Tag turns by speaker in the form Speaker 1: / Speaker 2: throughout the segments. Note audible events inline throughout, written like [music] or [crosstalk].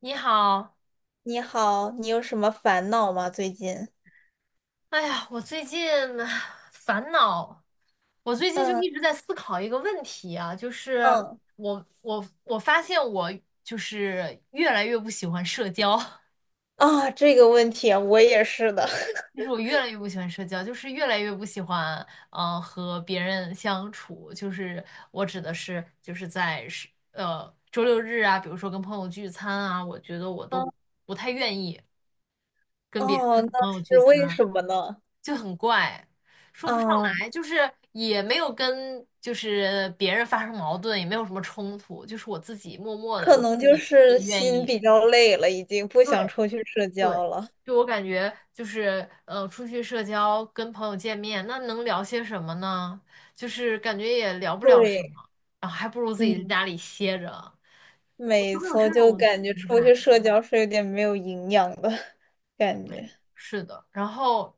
Speaker 1: 你好，
Speaker 2: 你好，你有什么烦恼吗？最近？
Speaker 1: 哎呀，我最近唉烦恼，我最近就
Speaker 2: 嗯。
Speaker 1: 一直在思考一个问题啊，就是
Speaker 2: 嗯。
Speaker 1: 我发现我就是越来越不喜欢社交，[laughs]
Speaker 2: 啊，这个问题我也是的。
Speaker 1: 就
Speaker 2: [laughs]
Speaker 1: 是我越来越不喜欢社交，就是越来越不喜欢和别人相处，就是我指的是就是周六日啊，比如说跟朋友聚餐啊，我觉得我都
Speaker 2: 嗯。
Speaker 1: 不太愿意跟别
Speaker 2: 哦，
Speaker 1: 跟
Speaker 2: 那
Speaker 1: 朋友聚
Speaker 2: 是为
Speaker 1: 餐。
Speaker 2: 什么呢？
Speaker 1: 就很怪，说不上
Speaker 2: 啊，
Speaker 1: 来，就是也没有跟就是别人发生矛盾，也没有什么冲突，就是我自己默默的
Speaker 2: 可
Speaker 1: 就
Speaker 2: 能
Speaker 1: 心
Speaker 2: 就
Speaker 1: 里
Speaker 2: 是
Speaker 1: 不愿
Speaker 2: 心
Speaker 1: 意。
Speaker 2: 比较累了，已经不想
Speaker 1: 对
Speaker 2: 出去社
Speaker 1: 对，
Speaker 2: 交了。
Speaker 1: 就我感觉就是出去社交跟朋友见面，那能聊些什么呢？就是感觉也聊不了什
Speaker 2: 对，
Speaker 1: 么，然后还不如自己在
Speaker 2: 嗯，
Speaker 1: 家里歇着，我就
Speaker 2: 没
Speaker 1: 会有
Speaker 2: 错，
Speaker 1: 这
Speaker 2: 就
Speaker 1: 种心
Speaker 2: 感觉出
Speaker 1: 态。
Speaker 2: 去社交是有点没有营养的 [laughs] 感觉。
Speaker 1: 是的，然后，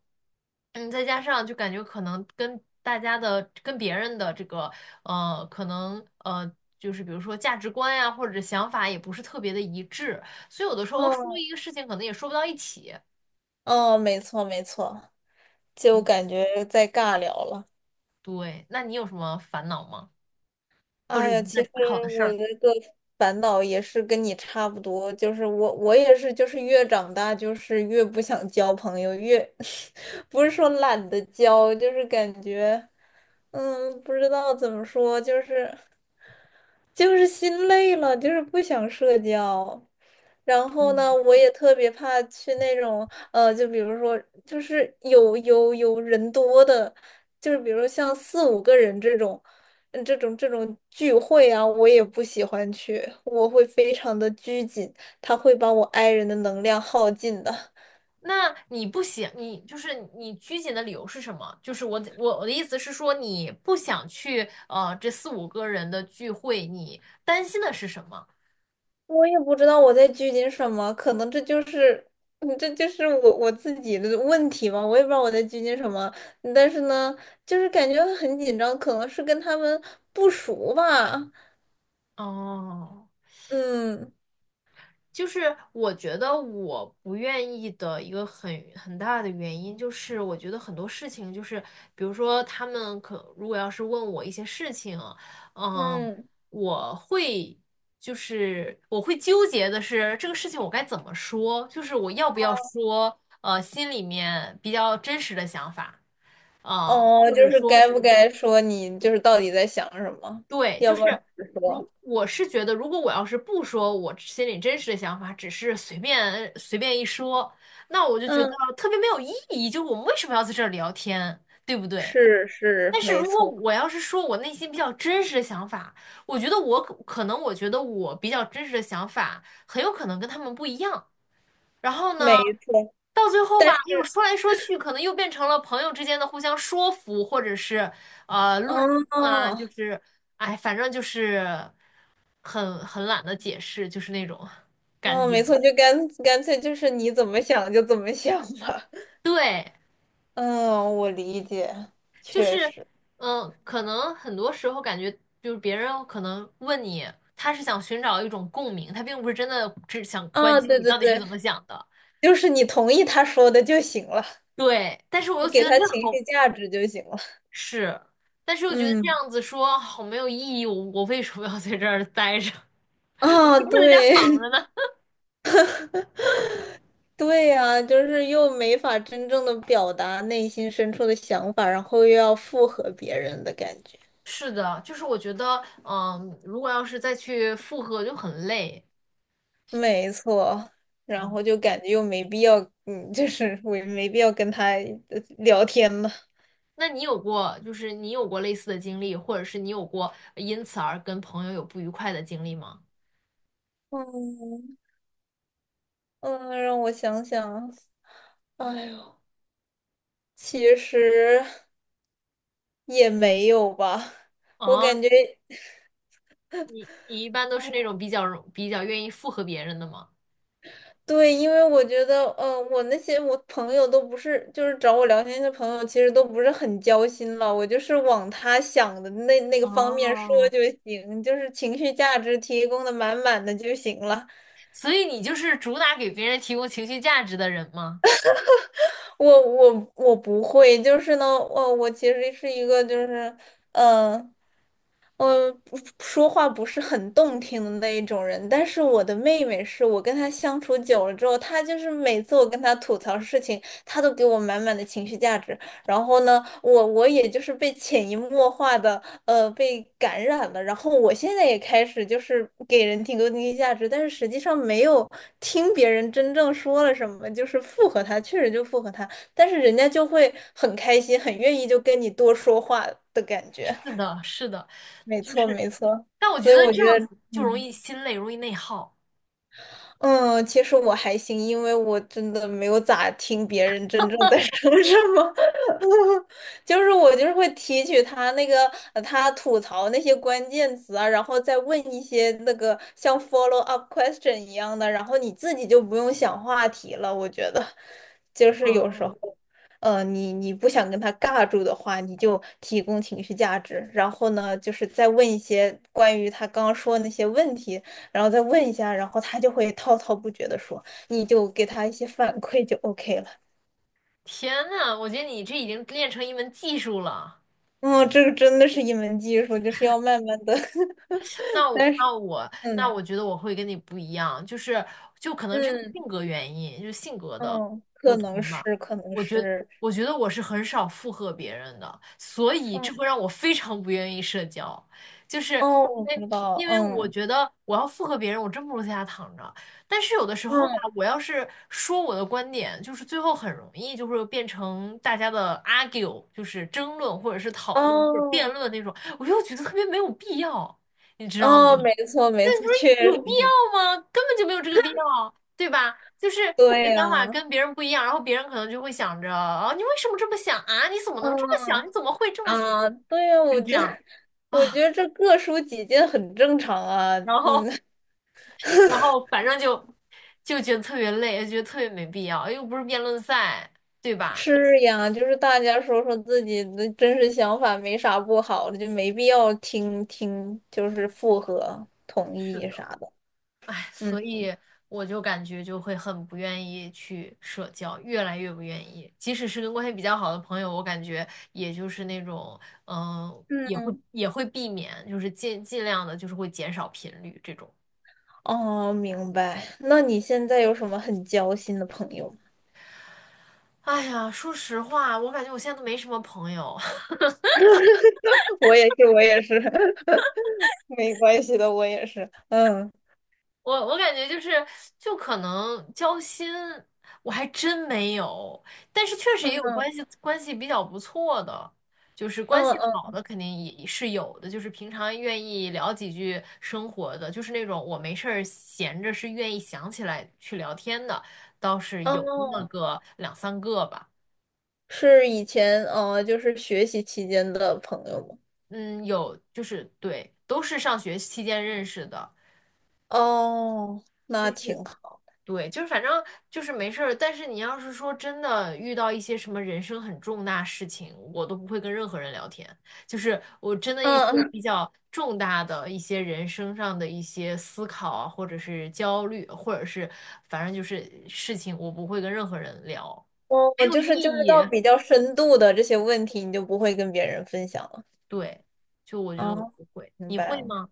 Speaker 1: 再加上就感觉可能跟大家的、跟别人的这个，可能就是比如说价值观呀、或者想法也不是特别的一致，所以有的时候说
Speaker 2: 嗯，
Speaker 1: 一个事情可能也说不到一起。
Speaker 2: 哦，没错，就
Speaker 1: 嗯，
Speaker 2: 感觉在尬聊了。
Speaker 1: 对，那你有什么烦恼吗？或者
Speaker 2: 哎呀，
Speaker 1: 你在
Speaker 2: 其实
Speaker 1: 思考的事
Speaker 2: 我
Speaker 1: 儿？
Speaker 2: 那个烦恼也是跟你差不多，就是我也是，就是越长大就是越不想交朋友，越 [laughs] 不是说懒得交，就是感觉不知道怎么说，就是就是心累了，就是不想社交。然后呢，
Speaker 1: 嗯，
Speaker 2: 我也特别怕去那种，就比如说，就是有人多的，就是比如像四五个人这种，嗯这种聚会啊，我也不喜欢去，我会非常的拘谨，它会把我 i 人的能量耗尽的。
Speaker 1: 那你不想，你就是你拘谨的理由是什么？就是我的意思是说，你不想去这四五个人的聚会，你担心的是什么？
Speaker 2: 我也不知道我在拘谨什么，可能这就是，嗯这就是我自己的问题吧，我也不知道我在拘谨什么，但是呢，就是感觉很紧张，可能是跟他们不熟吧。
Speaker 1: 哦，
Speaker 2: 嗯。
Speaker 1: 就是我觉得我不愿意的一个很大的原因，就是我觉得很多事情，就是比如说他们如果要是问我一些事情，嗯，
Speaker 2: 嗯，
Speaker 1: 我会就是我会纠结的是这个事情我该怎么说，就是我要不要说，心里面比较真实的想法，啊、
Speaker 2: 哦，
Speaker 1: 或者
Speaker 2: 就是
Speaker 1: 说
Speaker 2: 该
Speaker 1: 是。
Speaker 2: 不该说你就是到底在想什么，
Speaker 1: 对，就
Speaker 2: 要不要
Speaker 1: 是
Speaker 2: 直说？
Speaker 1: 如我是觉得，如果我要是不说我心里真实的想法，只是随便随便一说，那我就觉得
Speaker 2: 嗯，
Speaker 1: 特别没有意义。就是我们为什么要在这儿聊天，对不对？
Speaker 2: 是，
Speaker 1: 但是
Speaker 2: 没
Speaker 1: 如果
Speaker 2: 错
Speaker 1: 我要是说我内心比较真实的想法，我觉得我比较真实的想法很有可能跟他们不一样。然后
Speaker 2: 没
Speaker 1: 呢，
Speaker 2: 错，
Speaker 1: 到最后吧，
Speaker 2: 但是
Speaker 1: 又说来说去，可能又变成了朋友之间的互相说服，或者是论证啊，就
Speaker 2: 哦。
Speaker 1: 是哎，反正就是很懒得解释，就是那种感
Speaker 2: 哦，
Speaker 1: 觉。
Speaker 2: 没错，就干脆就是你怎么想就怎么想吧。
Speaker 1: 对，
Speaker 2: 嗯，我理解，
Speaker 1: 就
Speaker 2: 确
Speaker 1: 是
Speaker 2: 实。
Speaker 1: 可能很多时候感觉就是别人可能问你，他是想寻找一种共鸣，他并不是真的只想关
Speaker 2: 啊，
Speaker 1: 心
Speaker 2: 对
Speaker 1: 你
Speaker 2: 对
Speaker 1: 到底是
Speaker 2: 对，
Speaker 1: 怎么想的。
Speaker 2: 就是你同意他说的就行了，
Speaker 1: 对，但是我又
Speaker 2: 你
Speaker 1: 觉
Speaker 2: 给
Speaker 1: 得这
Speaker 2: 他情
Speaker 1: 好。
Speaker 2: 绪价值就行了。
Speaker 1: 是，但是我觉得这
Speaker 2: 嗯，
Speaker 1: 样子说好没有意义，我为什么要在这儿待着？[laughs]
Speaker 2: 啊，
Speaker 1: 不在家
Speaker 2: 对，
Speaker 1: 躺
Speaker 2: [laughs]
Speaker 1: 着呢？[laughs]
Speaker 2: 对呀，就是又没法真正的表达内心深处的想法，然后又要附和别人的感觉。
Speaker 1: 是的，就是我觉得，如果要是再去复合就很累。
Speaker 2: 没错，然
Speaker 1: 嗯，
Speaker 2: 后就感觉又没必要，嗯，就是我也没必要跟他聊天了。
Speaker 1: 那你有过，就是你有过类似的经历，或者是你有过因此而跟朋友有不愉快的经历吗？
Speaker 2: 嗯。嗯，让我想想，哎呦，其实也没有吧，我
Speaker 1: 哦，
Speaker 2: 感觉。
Speaker 1: 你一般都是那种比较愿意附和别人的吗？
Speaker 2: 对，因为我觉得，我那些我朋友都不是，就是找我聊天的朋友，其实都不是很交心了。我就是往他想的那个方面说
Speaker 1: 哦，
Speaker 2: 就行，就是情绪价值提供的满满的就行了。
Speaker 1: 所以你就是主打给别人提供情绪价值的人吗？
Speaker 2: 我不会，就是呢，我我其实是一个就是，嗯。嗯，不说话不是很动听的那一种人，但是我的妹妹是我跟她相处久了之后，她就是每次我跟她吐槽事情，她都给我满满的情绪价值。然后呢，我也就是被潜移默化的被感染了，然后我现在也开始就是给人提供情绪价值，但是实际上没有听别人真正说了什么，就是附和他，确实就附和他，但是人家就会很开心，很愿意就跟你多说话的感
Speaker 1: 是
Speaker 2: 觉。
Speaker 1: 的，是的。
Speaker 2: 没
Speaker 1: 就
Speaker 2: 错，
Speaker 1: 是，
Speaker 2: 没错，
Speaker 1: 但我
Speaker 2: 所
Speaker 1: 觉
Speaker 2: 以
Speaker 1: 得
Speaker 2: 我觉
Speaker 1: 这样子
Speaker 2: 得，
Speaker 1: 就容
Speaker 2: 嗯，
Speaker 1: 易心累，容易内耗。
Speaker 2: 嗯，其实我还行，因为我真的没有咋听别人真正在 [laughs] 说什么，[laughs] 就是我就是会提取他那个他吐槽那些关键词啊，然后再问一些那个像 follow up question 一样的，然后你自己就不用想话题了。我觉得，就是有
Speaker 1: 哦，
Speaker 2: 时候，呃，你你不想跟他尬住的话，你就提供情绪价值，然后呢，就是再问一些关于他刚刚说的那些问题。然后再问一下，然后他就会滔滔不绝的说，你就给他一些反馈就 OK 了。
Speaker 1: 天呐，我觉得你这已经练成一门技术了。
Speaker 2: 嗯，这个真的是一门技术，就是要慢慢的。
Speaker 1: 那
Speaker 2: [laughs]
Speaker 1: 我
Speaker 2: 但是，
Speaker 1: 那我那
Speaker 2: 嗯。
Speaker 1: 我觉得我会跟你不一样，就是可能这是
Speaker 2: 嗯。
Speaker 1: 性格原因，就是性格的
Speaker 2: 嗯，
Speaker 1: 不
Speaker 2: 可能
Speaker 1: 同吧。
Speaker 2: 是，可能
Speaker 1: 我觉
Speaker 2: 是，
Speaker 1: 我觉得我是很少附和别人的，所以
Speaker 2: 嗯。
Speaker 1: 这会让我非常不愿意社交，就是
Speaker 2: 哦，我
Speaker 1: 因为
Speaker 2: 知道，
Speaker 1: 因为我
Speaker 2: 嗯。
Speaker 1: 觉得我要附和别人，我真不如在家躺着。但是有的时候吧，
Speaker 2: 嗯。
Speaker 1: 我要是说我的观点，就是最后很容易就会变成大家的 argue，就是争论或者是讨论或者辩
Speaker 2: 哦。
Speaker 1: 论那种，我又觉得特别没有必要。你知道吗？
Speaker 2: 哦，没错没错，确实
Speaker 1: 有必要吗？根本就没有这个必要，对吧？就是你的
Speaker 2: 对
Speaker 1: 想法
Speaker 2: 呀，
Speaker 1: 跟别人不一样，然后别人可能就会想着，啊，你为什么这么想啊？你怎么能这么想？
Speaker 2: 嗯。
Speaker 1: 你怎么会这么想？
Speaker 2: 啊，对呀，
Speaker 1: 就
Speaker 2: 我
Speaker 1: 是这
Speaker 2: 觉得
Speaker 1: 样
Speaker 2: 我觉
Speaker 1: 啊，
Speaker 2: 得这各抒己见很正常啊，
Speaker 1: 然后，
Speaker 2: 嗯。
Speaker 1: 然后反正就觉得特别累，觉得特别没必要，又不是辩论赛，对吧？
Speaker 2: 是呀，就是大家说说自己的真实想法，没啥不好的，就没必要听听，就是附和、同
Speaker 1: 是
Speaker 2: 意
Speaker 1: 的。
Speaker 2: 啥的。嗯。
Speaker 1: 所以我就感觉就会很不愿意去社交，越来越不愿意。即使是跟关系比较好的朋友，我感觉也就是那种，也会
Speaker 2: 嗯，
Speaker 1: 也会避免，就是尽量的，就是会减少频率这种。
Speaker 2: 哦，明白。那你现在有什么很交心的朋友吗？
Speaker 1: 哎呀，说实话，我感觉我现在都没什么朋友。
Speaker 2: [laughs] 我也是，我也是，[laughs] 没关系的，我也是。嗯。
Speaker 1: 我感觉就是，就可能交心，我还真没有，但是确实也有
Speaker 2: 嗯。
Speaker 1: 关系，关系比较不错的，就是关
Speaker 2: 嗯。
Speaker 1: 系好
Speaker 2: 嗯，
Speaker 1: 的肯定也是有的，就是平常愿意聊几句生活的，就是那种我没事儿闲着是愿意想起来去聊天的，倒是有那么
Speaker 2: 哦，
Speaker 1: 个两三个吧，
Speaker 2: 是以前就是学习期间的朋友吗？
Speaker 1: 嗯，有就是对，都是上学期间认识的，
Speaker 2: 哦，那
Speaker 1: 就是。
Speaker 2: 挺好。
Speaker 1: 对，就是反正就是没事儿，但是你要是说真的遇到一些什么人生很重大事情，我都不会跟任何人聊天。就是我真的一些
Speaker 2: 嗯，
Speaker 1: 比较重大的一些人生上的一些思考啊，或者是焦虑，或者是反正就是事情，我不会跟任何人聊，
Speaker 2: 我
Speaker 1: 没
Speaker 2: 我
Speaker 1: 有意
Speaker 2: 就是就是
Speaker 1: 义。
Speaker 2: 到比较深度的这些问题，你就不会跟别人分享了。
Speaker 1: 对，就我觉得
Speaker 2: 啊，
Speaker 1: 我不会，
Speaker 2: 明
Speaker 1: 你
Speaker 2: 白
Speaker 1: 会
Speaker 2: 了。
Speaker 1: 吗？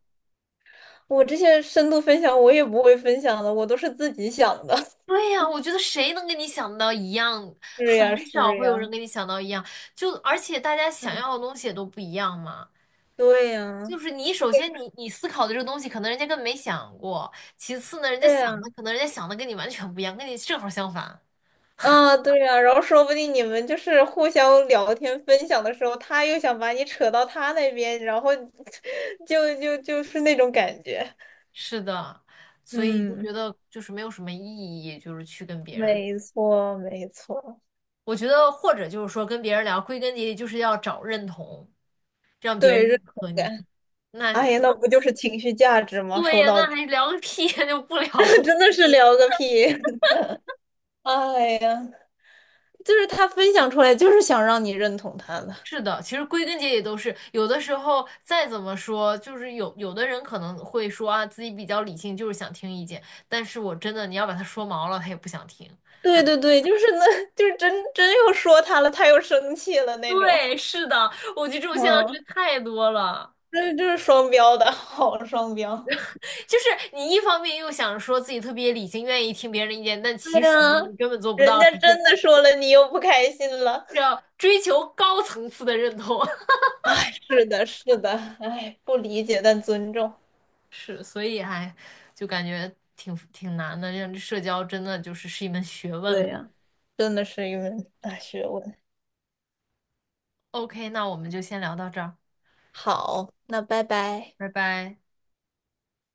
Speaker 2: 我这些深度分享我也不会分享的，我都是自己想的。[laughs]
Speaker 1: 对呀，我觉得谁能跟你想到一样，
Speaker 2: 是呀，
Speaker 1: 很少
Speaker 2: 是
Speaker 1: 会有人
Speaker 2: 呀，
Speaker 1: 跟你想到一样，就而且大家想
Speaker 2: 嗯，
Speaker 1: 要的东西也都不一样嘛。
Speaker 2: 对呀，
Speaker 1: 就是你首先你思考的这个东西，可能人家根本没想过。其次呢，人家
Speaker 2: 对呀，
Speaker 1: 想的可能人家想的跟你完全不一样，跟你正好相反。
Speaker 2: 啊，对呀。然后说不定你们就是互相聊天分享的时候，他又想把你扯到他那边，然后 [laughs] 就是那种感觉。
Speaker 1: 是的，所以就
Speaker 2: 嗯，
Speaker 1: 觉得就是没有什么意义，就是去跟别人聊
Speaker 2: 没错，没错，
Speaker 1: 我觉得或者就是说跟别人聊，归根结底就是要找认同，让别人
Speaker 2: 对认
Speaker 1: 认
Speaker 2: 同
Speaker 1: 可你。
Speaker 2: 感。
Speaker 1: 那
Speaker 2: 哎
Speaker 1: 那
Speaker 2: 呀，那不就是情绪价值吗？
Speaker 1: 对
Speaker 2: 说
Speaker 1: 呀，
Speaker 2: 到
Speaker 1: 那
Speaker 2: 底。
Speaker 1: 还聊个屁呀，就不聊
Speaker 2: [laughs]
Speaker 1: 了。
Speaker 2: 真的是聊个屁！[laughs] 哎呀，就是他分享出来，就是想让你认同他的。
Speaker 1: 是的，其实归根结底都是有的时候再怎么说，就是有的人可能会说啊，自己比较理性，就是想听意见，但是我真的你要把他说毛了，他也不想听。
Speaker 2: 对，就是那，就是真又说他了，他又生气了那种。
Speaker 1: 对，是的，我觉得这种现象是
Speaker 2: 嗯，
Speaker 1: 太多了。
Speaker 2: [laughs] 这就是双标的，[laughs] 好双标。
Speaker 1: 就是你一方面又想说自己特别理性，愿意听别人的意见，但
Speaker 2: 对
Speaker 1: 其实
Speaker 2: 呀，
Speaker 1: 你根本做不
Speaker 2: 人
Speaker 1: 到，
Speaker 2: 家
Speaker 1: 只是
Speaker 2: 真的说了，你又不开心了。
Speaker 1: 是要追求高层次的认同。[laughs]
Speaker 2: 哎，是的，是的，哎，不理解但尊重。
Speaker 1: 是，所以还就感觉挺难的，让社交真的就是一门学问。
Speaker 2: 对呀，啊真的是一门大学问。
Speaker 1: OK，那我们就先聊到这儿。
Speaker 2: 好，那拜拜。
Speaker 1: 拜拜。